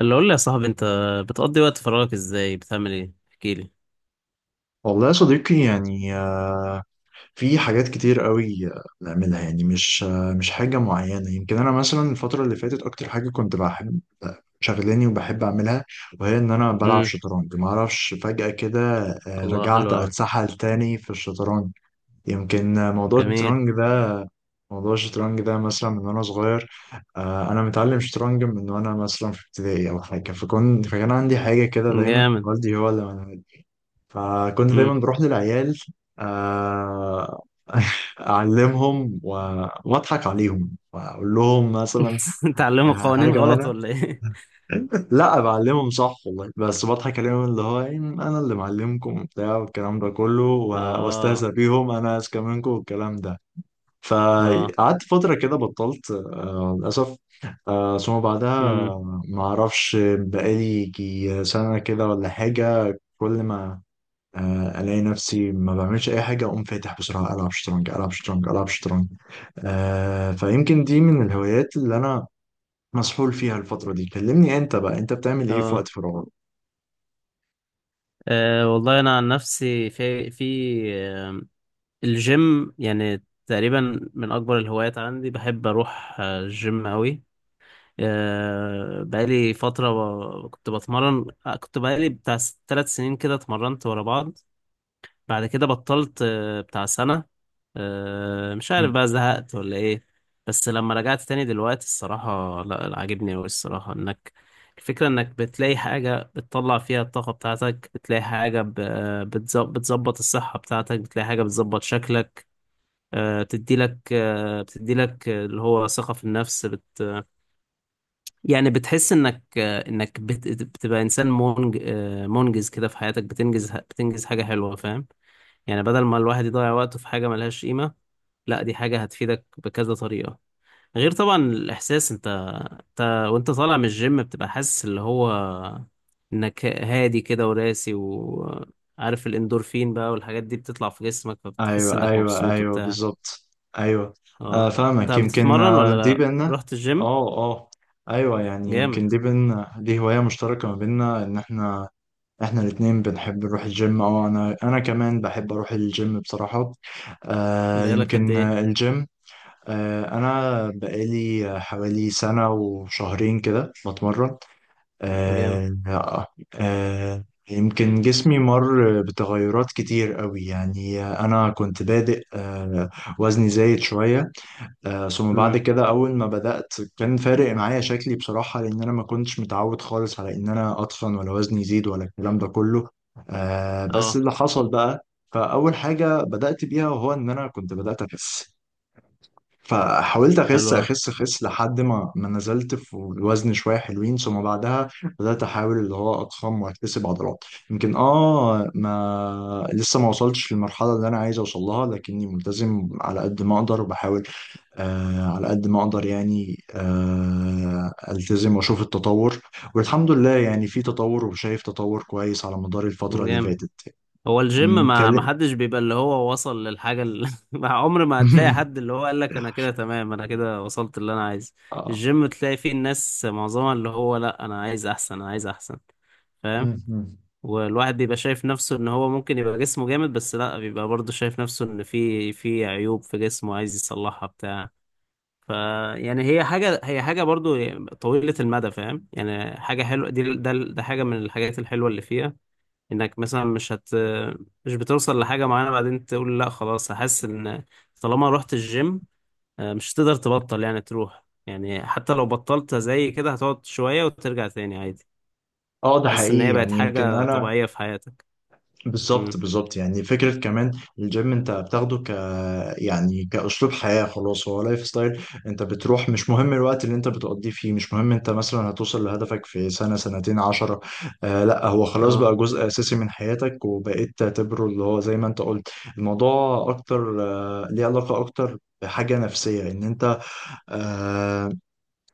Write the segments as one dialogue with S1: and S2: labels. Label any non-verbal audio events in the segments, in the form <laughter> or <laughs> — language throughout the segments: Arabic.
S1: اللي قول لي يا صاحبي انت بتقضي وقت فراغك ازاي؟ بتعمل ايه؟ احكي لي.
S2: والله يا صديقي يعني في حاجات كتير قوي، بنعملها، يعني مش حاجة معينة. يمكن أنا مثلا الفترة اللي فاتت أكتر حاجة كنت بحب شغلاني وبحب أعملها، وهي إن أنا بلعب
S1: امم
S2: شطرنج. معرفش فجأة كده
S1: الله، حلو
S2: رجعت
S1: قوي.
S2: أتسحل تاني في الشطرنج. يمكن موضوع
S1: جميل.
S2: الشطرنج ده موضوع الشطرنج ده مثلا من وأنا صغير. أنا متعلم شطرنج من وأنا مثلا في ابتدائي أو حاجة. فكان عندي حاجة كده دايما،
S1: جامد.
S2: والدي هو اللي... فكنت دايما
S1: امم
S2: بروح للعيال. آه، <laughs> أعلمهم وأضحك عليهم وأقول لهم مثلا
S1: <laughs> تعلموا قوانين
S2: حاجة
S1: غلط
S2: معانا.
S1: ولا ايه؟
S2: لا، بعلمهم صح والله، بس بضحك عليهم اللي هو يعني أنا اللي معلمكم وبتاع، والكلام ده كله
S1: اه.
S2: وأستهزأ بيهم، أنا أذكى منكم والكلام ده.
S1: اه.
S2: فقعدت فترة كده بطلت، للأسف. ثم بعدها
S1: امم
S2: ما أعرفش بقالي يجي سنة كده ولا حاجة. كل ما الاقي نفسي ما بعملش اي حاجه، اقوم فاتح بسرعه، العب شطرنج، العب شطرنج، العب شطرنج. فيمكن دي من الهوايات اللي انا مسحول فيها الفتره دي. كلمني انت بقى، انت بتعمل ايه في
S1: اه.
S2: وقت فراغك؟
S1: والله انا عن نفسي في آه، الجيم، يعني تقريبا من اكبر الهوايات عندي. بحب اروح الجيم قوي. بقالي فترة، كنت بتمرن كنت بقالي بتاع 3 سنين كده، اتمرنت ورا بعض. بعد كده بطلت بتاع سنة. مش عارف
S2: مم.
S1: بقى زهقت ولا ايه. بس لما رجعت تاني دلوقتي الصراحة، لا لا، عاجبني أوي الصراحة. انك، الفكرة انك بتلاقي حاجة بتطلع فيها الطاقة بتاعتك، بتلاقي حاجة بتظبط الصحة بتاعتك، بتلاقي حاجة بتظبط شكلك، بتديلك اللي هو ثقة في النفس. بت، يعني بتحس انك انك بت- بتبقى انسان منجز كده في حياتك، بتنجز، بتنجز حاجة حلوة، فاهم؟ يعني بدل ما الواحد يضيع وقته في حاجة ملهاش قيمة، لا دي حاجة هتفيدك بكذا طريقة. غير طبعا الإحساس، انت، انت وانت طالع من الجيم بتبقى حاسس اللي هو انك هادي كده، وراسي، وعارف الاندورفين بقى والحاجات دي بتطلع في جسمك، فبتحس
S2: ايوه
S1: انك
S2: ايوه
S1: مبسوط
S2: ايوه،
S1: وبتاع.
S2: بالظبط، ايوه.
S1: اه.
S2: فاهمك.
S1: انت
S2: يمكن
S1: بتتمرن ولا
S2: دي
S1: لا؟
S2: بينا.
S1: رحت الجيم؟
S2: اه اه، ايوه. يعني
S1: جامد.
S2: يمكن دي بينا، دي هوايه مشتركه ما بينا، ان احنا الاتنين بنحب نروح الجيم. اه، انا كمان بحب اروح الجيم بصراحه.
S1: بقالك قد
S2: يمكن
S1: ايه؟
S2: الجيم. أنا بقالي حوالي سنة وشهرين كده بتمرن.
S1: جامد.
S2: آه، آه، آه، يمكن جسمي مر بتغيرات كتير قوي، يعني أنا كنت بادئ، وزني زايد شوية. ثم بعد
S1: امم.
S2: كده أول ما بدأت كان فارق معايا شكلي بصراحة، لأن أنا ما كنتش متعود خالص على إن أنا أتخن ولا وزني يزيد ولا الكلام ده كله. بس
S1: اه.
S2: اللي حصل بقى، فأول حاجة بدأت بيها وهو إن أنا كنت بدأت أخس. فحاولت اخس
S1: حلو أوي.
S2: اخس اخس لحد ما نزلت في الوزن شويه حلوين. ثم بعدها بدات احاول اللي هو اضخم واكتسب عضلات. يمكن ما لسه ما وصلتش للمرحله اللي انا عايز اوصل لها، لكني ملتزم على قد ما اقدر، وبحاول على قد ما اقدر، يعني التزم واشوف التطور. والحمد لله يعني في تطور، وشايف تطور كويس على مدار الفتره اللي
S1: جامد.
S2: فاتت.
S1: هو الجيم،
S2: أمم،
S1: ما
S2: كلم-
S1: حدش بيبقى اللي هو وصل للحاجة اللي <laughs> مع عمر ما هتلاقي حد
S2: <laughs>
S1: اللي هو قال لك انا كده تمام، انا كده وصلت اللي انا عايزه.
S2: اه.
S1: الجيم تلاقي فيه الناس معظمها اللي هو، لا انا عايز احسن، انا عايز احسن، فاهم؟
S2: أمم.
S1: والواحد بيبقى شايف نفسه ان هو ممكن يبقى جسمه جامد، بس لا بيبقى برضه شايف نفسه ان في عيوب في جسمه عايز يصلحها بتاع ف، يعني هي حاجة، هي حاجة برضه طويلة المدى، فاهم؟ يعني حاجة حلوة، دي ده ده حاجة من الحاجات الحلوة اللي فيها، انك مثلا مش هت، مش بتوصل لحاجة معينة بعدين تقول لا خلاص هحس ان، طالما رحت الجيم مش هتقدر تبطل يعني تروح. يعني حتى لو بطلت زي كده هتقعد شوية وترجع تاني عادي.
S2: ده
S1: حاسس ان هي
S2: حقيقي،
S1: بقت
S2: يعني يمكن
S1: حاجة
S2: انا...
S1: طبيعية في حياتك.
S2: بالظبط،
S1: امم.
S2: بالظبط. يعني فكرة كمان الجيم انت بتاخده ك... يعني كأسلوب حياة، خلاص هو لايف ستايل. انت بتروح مش مهم الوقت اللي انت بتقضيه فيه، مش مهم انت مثلا هتوصل لهدفك في سنة، سنتين، 10. لا هو خلاص
S1: اه.
S2: بقى جزء أساسي من حياتك، وبقيت تعتبره اللي هو زي ما انت قلت. الموضوع أكتر ليه علاقة أكتر بحاجة نفسية، ان انت آه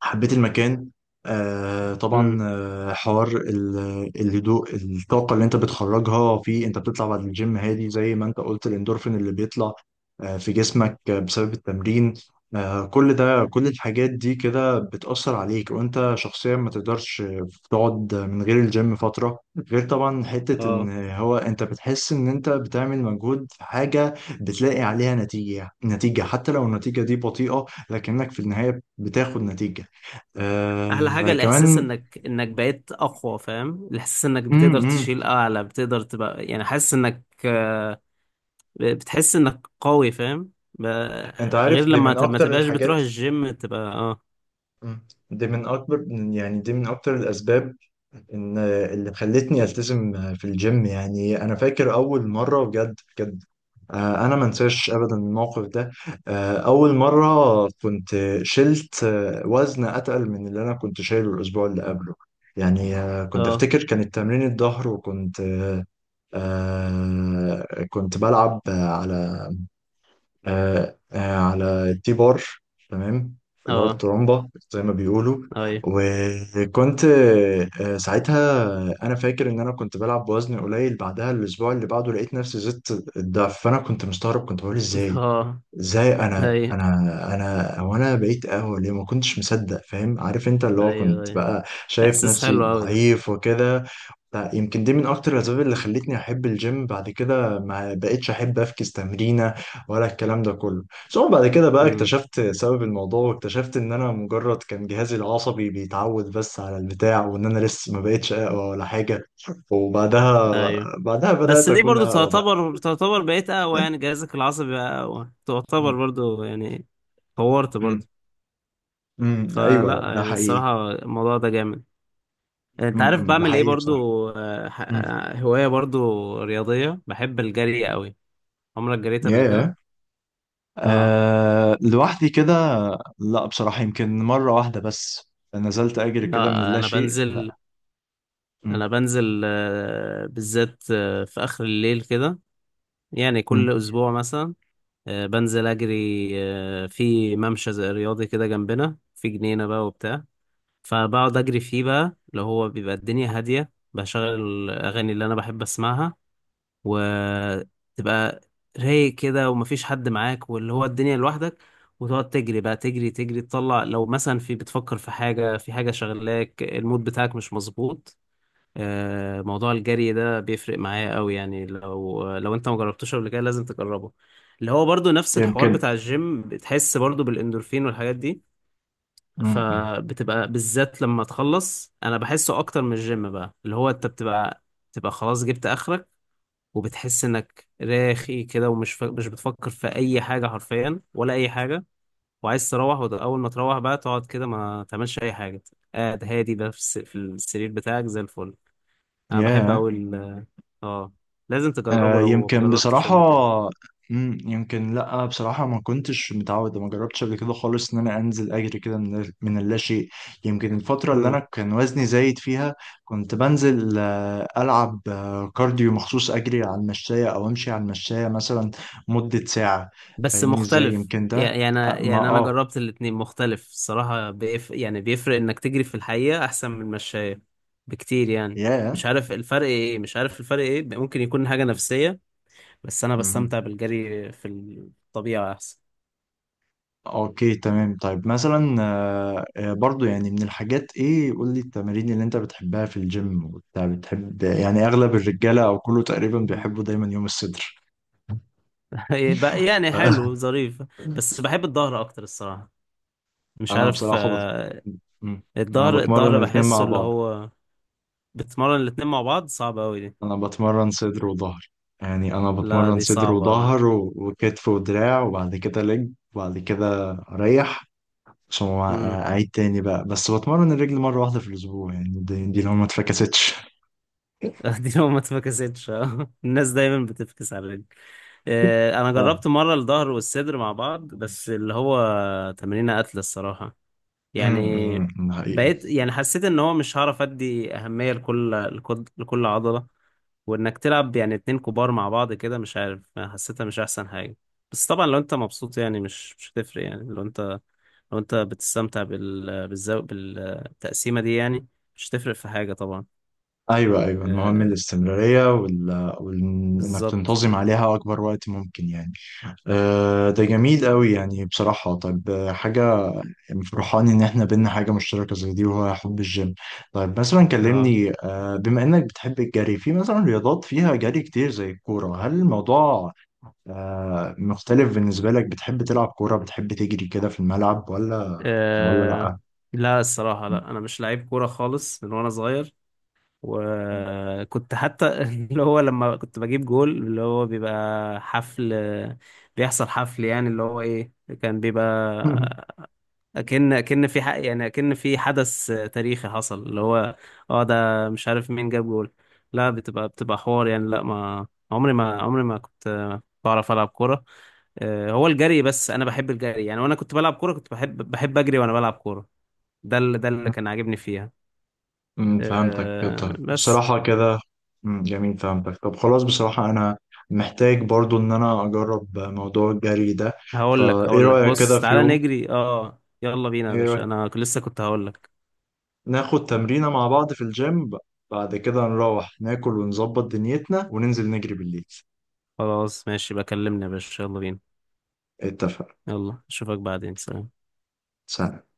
S2: حبيت المكان. طبعا
S1: امم.
S2: حوار الهدوء، الطاقة اللي انت بتخرجها، في انت بتطلع بعد الجيم هادي زي ما انت قلت، الاندورفين اللي بيطلع في جسمك بسبب التمرين. كل ده، كل الحاجات دي كده بتأثر عليك، وانت شخصيا ما تقدرش تقعد من غير الجيم فترة. غير طبعا حتة
S1: اه.
S2: ان هو انت بتحس ان انت بتعمل مجهود في حاجة بتلاقي عليها نتيجة، نتيجة حتى لو النتيجة دي بطيئة، لكنك في النهاية بتاخد نتيجة
S1: احلى حاجة الاحساس
S2: كمان.
S1: انك، انك بقيت اقوى، فاهم؟ الاحساس انك بتقدر
S2: امم.
S1: تشيل اعلى، بتقدر تبقى يعني حاسس انك بتحس انك قوي، فاهم؟ ب-،
S2: انت
S1: غير
S2: عارف دي
S1: لما
S2: من
S1: ما
S2: اكتر
S1: تبقاش
S2: الحاجات.
S1: بتروح الجيم تبقى اه.
S2: مم. دي من اكبر، يعني دي من اكتر الاسباب ان اللي خلتني التزم في الجيم. يعني انا فاكر اول مره بجد بجد، انا ما انساش ابدا الموقف ده. اول مره كنت شلت وزن اتقل من اللي انا كنت شايله الاسبوع اللي قبله. يعني كنت
S1: اه.
S2: افتكر كانت تمرين الظهر، وكنت كنت بلعب على على التي بار. تمام. اللي هو
S1: اه.
S2: الترومبا زي ما بيقولوا.
S1: ايوه.
S2: وكنت ساعتها، انا فاكر ان انا كنت بلعب بوزن قليل. بعدها الاسبوع اللي بعده لقيت نفسي زدت الضعف. فانا كنت مستغرب، كنت بقول
S1: <laughs>
S2: ازاي،
S1: اه.
S2: ازاي انا
S1: ايوه،
S2: انا انا، وانا بقيت قهوه ليه، ما كنتش مصدق. فاهم، عارف انت اللي هو
S1: ايوه،
S2: كنت
S1: ايوه،
S2: بقى شايف
S1: احساس
S2: نفسي
S1: حلو قوي ده.
S2: ضعيف وكده. لا يمكن دي من اكتر الاسباب اللي خلتني احب الجيم. بعد كده ما بقتش احب افكس تمرينه ولا الكلام ده كله. ثم بعد كده بقى
S1: امم.
S2: اكتشفت سبب الموضوع، واكتشفت ان انا مجرد كان جهازي العصبي بيتعود بس على البتاع، وان انا لسه ما بقتش اقوى ولا حاجه.
S1: ايوه.
S2: بعدها
S1: بس
S2: بدات
S1: دي
S2: اكون
S1: برضو
S2: اقوى بقى.
S1: تعتبر، تعتبر بقيت اقوى، يعني جهازك العصبي بقى اقوى تعتبر
S2: امم.
S1: برضو يعني، طورت
S2: امم.
S1: برضو.
S2: أمم، ايوه
S1: فلا
S2: ده
S1: يعني
S2: حقيقي.
S1: الصراحة الموضوع ده جامد. انت
S2: امم.
S1: عارف
S2: أمم، ده
S1: بعمل ايه
S2: حقيقي بصراحه.
S1: برضو؟
S2: امم.
S1: هواية برضو رياضية، بحب الجري قوي. عمرك جريت قبل كده؟
S2: ياه.
S1: اه.
S2: أه، لوحدي كده. لا بصراحة يمكن مرة واحدة بس نزلت أجري كده من
S1: لا،
S2: اللا
S1: انا
S2: شيء،
S1: بنزل
S2: لا. م-
S1: انا بنزل بالذات في اخر الليل كده، يعني
S2: م-
S1: كل اسبوع مثلا بنزل اجري في ممشى زي رياضي كده جنبنا في جنينه بقى وبتاع. فبقعد اجري فيه بقى، اللي هو بيبقى الدنيا هاديه، بشغل الاغاني اللي انا بحب اسمعها، وتبقى رايق كده، ومفيش حد معاك، واللي هو الدنيا لوحدك، وتقعد تجري بقى، تجري تجري تطلع لو مثلا في بتفكر في حاجه، في حاجه شغلاك المود بتاعك مش مظبوط. موضوع الجري ده بيفرق معايا قوي يعني. لو انت ما جربتوش قبل كده لازم تجربه. اللي هو برضو نفس الحوار
S2: يمكن
S1: بتاع الجيم، بتحس برضو بالاندورفين والحاجات دي، فبتبقى بالذات لما تخلص، انا بحسه اكتر من الجيم بقى. اللي هو انت بتبقى خلاص جبت اخرك، وبتحس انك راخي كده، مش بتفكر في اي حاجة حرفيا ولا اي حاجة. وعايز تروح، واول ما تروح بقى تقعد كده ما تعملش اي حاجة، قاعد هادي بقى في السرير بتاعك زي الفل. انا بحب
S2: ياه.
S1: قوي. اه. لازم تجربه لو
S2: يمكن
S1: مجربتش
S2: بصراحة.
S1: قبل كده.
S2: مم، يمكن لأ بصراحة، ما كنتش متعود، ما جربتش قبل كده خالص إن أنا أنزل أجري كده من اللاشيء. يمكن الفترة اللي أنا
S1: مم.
S2: كان وزني زايد فيها كنت بنزل ألعب كارديو مخصوص، أجري على المشاية أو أمشي على المشاية مثلا مدة ساعة.
S1: بس
S2: فاهمني إزاي؟
S1: مختلف
S2: يمكن
S1: يعني،
S2: ده
S1: يعني،
S2: آه، ما
S1: يعني انا
S2: آه
S1: جربت الاتنين مختلف الصراحة. يعني بيفرق انك تجري في الحقيقة، احسن من المشاية بكتير يعني.
S2: ياه.
S1: مش عارف الفرق ايه، مش عارف الفرق ايه، ممكن يكون حاجة نفسية، بس انا بستمتع بالجري في الطبيعة احسن.
S2: اوكي تمام. طيب مثلا برضو يعني من الحاجات، ايه، قول لي التمارين اللي انت بتحبها في الجيم وبتاع. بتحب يعني، اغلب الرجاله او كله تقريبا
S1: مم.
S2: بيحبوا دايما يوم الصدر.
S1: <laughs> بقى، يعني حلو
S2: <laughs>
S1: ظريف. بس بحب الظهر اكتر الصراحة، مش
S2: انا
S1: عارف.
S2: بصراحه <laughs> مم. انا
S1: الظهر،
S2: بتمرن
S1: الظهر
S2: الاتنين
S1: بحسه
S2: مع
S1: اللي
S2: بعض.
S1: هو، بتمرن الاتنين مع بعض؟ صعب قوي.
S2: انا بتمرن صدر وظهر. يعني انا
S1: لا
S2: بتمرن
S1: دي
S2: صدر
S1: صعبة أوي.
S2: وظهر وكتف ودراع، وبعد كده لج، وبعد كده اريح. ثم
S1: مم.
S2: اعيد تاني بقى. بس بتمرن الرجل مره واحده في الاسبوع، يعني دي لو ما اتفكستش.
S1: <laughs> دي لو ما اتفكستش. آه. <laughs> الناس دايما بتفكس على الرجل. أنا جربت مرة الظهر والصدر مع بعض، بس اللي هو تمرينة قتل الصراحة
S2: امم.
S1: يعني.
S2: أمم، حقيقي.
S1: بقيت يعني حسيت إن هو مش هعرف أدي أهمية لكل لكل عضلة. وإنك تلعب يعني اتنين كبار مع بعض كده، مش عارف حسيتها مش أحسن حاجة. بس طبعا لو أنت مبسوط، يعني مش هتفرق، يعني لو أنت، لو أنت بتستمتع بالزو، بالتقسيمة دي يعني، مش هتفرق في حاجة طبعا.
S2: ايوه ايوه، المهم
S1: آه.
S2: الاستمراريه انك
S1: بالظبط.
S2: تنتظم عليها اكبر وقت ممكن يعني. أه ده جميل قوي يعني بصراحه. طيب حاجه، فرحان ان احنا بينا حاجه مشتركه زي دي، وهو حب الجيم. طيب مثلا
S1: اه.
S2: كلمني أه، بما انك بتحب الجري في مثلا رياضات فيها جري كتير زي الكوره، هل الموضوع أه مختلف بالنسبه لك؟ بتحب تلعب كوره؟ بتحب تجري كده في الملعب، ولا ولا
S1: آه،
S2: لا؟
S1: لا الصراحة لا، أنا مش لعيب كورة خالص من وأنا صغير. وكنت حتى <laughs> اللي هو لما كنت بجيب جول اللي هو بيبقى حفل، بيحصل حفل، يعني اللي هو إيه، كان بيبقى،
S2: <laughs>
S1: أكن في حق، يعني أكن في حدث تاريخي حصل اللي هو، اه ده مش عارف مين جاب جول. لا بتبقى، بتبقى حوار يعني، لا ما عمري، ما عمري ما كنت بعرف ألعب كورة. هو الجري بس، انا بحب الجري يعني، وانا كنت بلعب كوره كنت بحب، بحب اجري وانا بلعب كوره، ده اللي، ده اللي كان عاجبني فيها.
S2: فهمتك.
S1: أه
S2: طب
S1: بس.
S2: بصراحة كده، امم، جميل فهمتك. طب خلاص، بصراحة أنا محتاج برضو إن أنا أجرب موضوع الجري ده.
S1: هقول لك،
S2: فإيه
S1: هقول لك
S2: رأيك كده
S1: بص،
S2: في
S1: تعالى
S2: يوم؟
S1: نجري، اه يلا بينا يا
S2: إيه
S1: باشا،
S2: رأيك
S1: انا لسه كنت هقول لك.
S2: ناخد تمرينة مع بعض في الجيم، بعد كده نروح ناكل ونظبط دنيتنا وننزل نجري بالليل؟
S1: خلاص ماشي، بكلمني يا باشا، يلا بينا.
S2: اتفق.
S1: يلا اشوفك بعدين، سلام.
S2: سلام.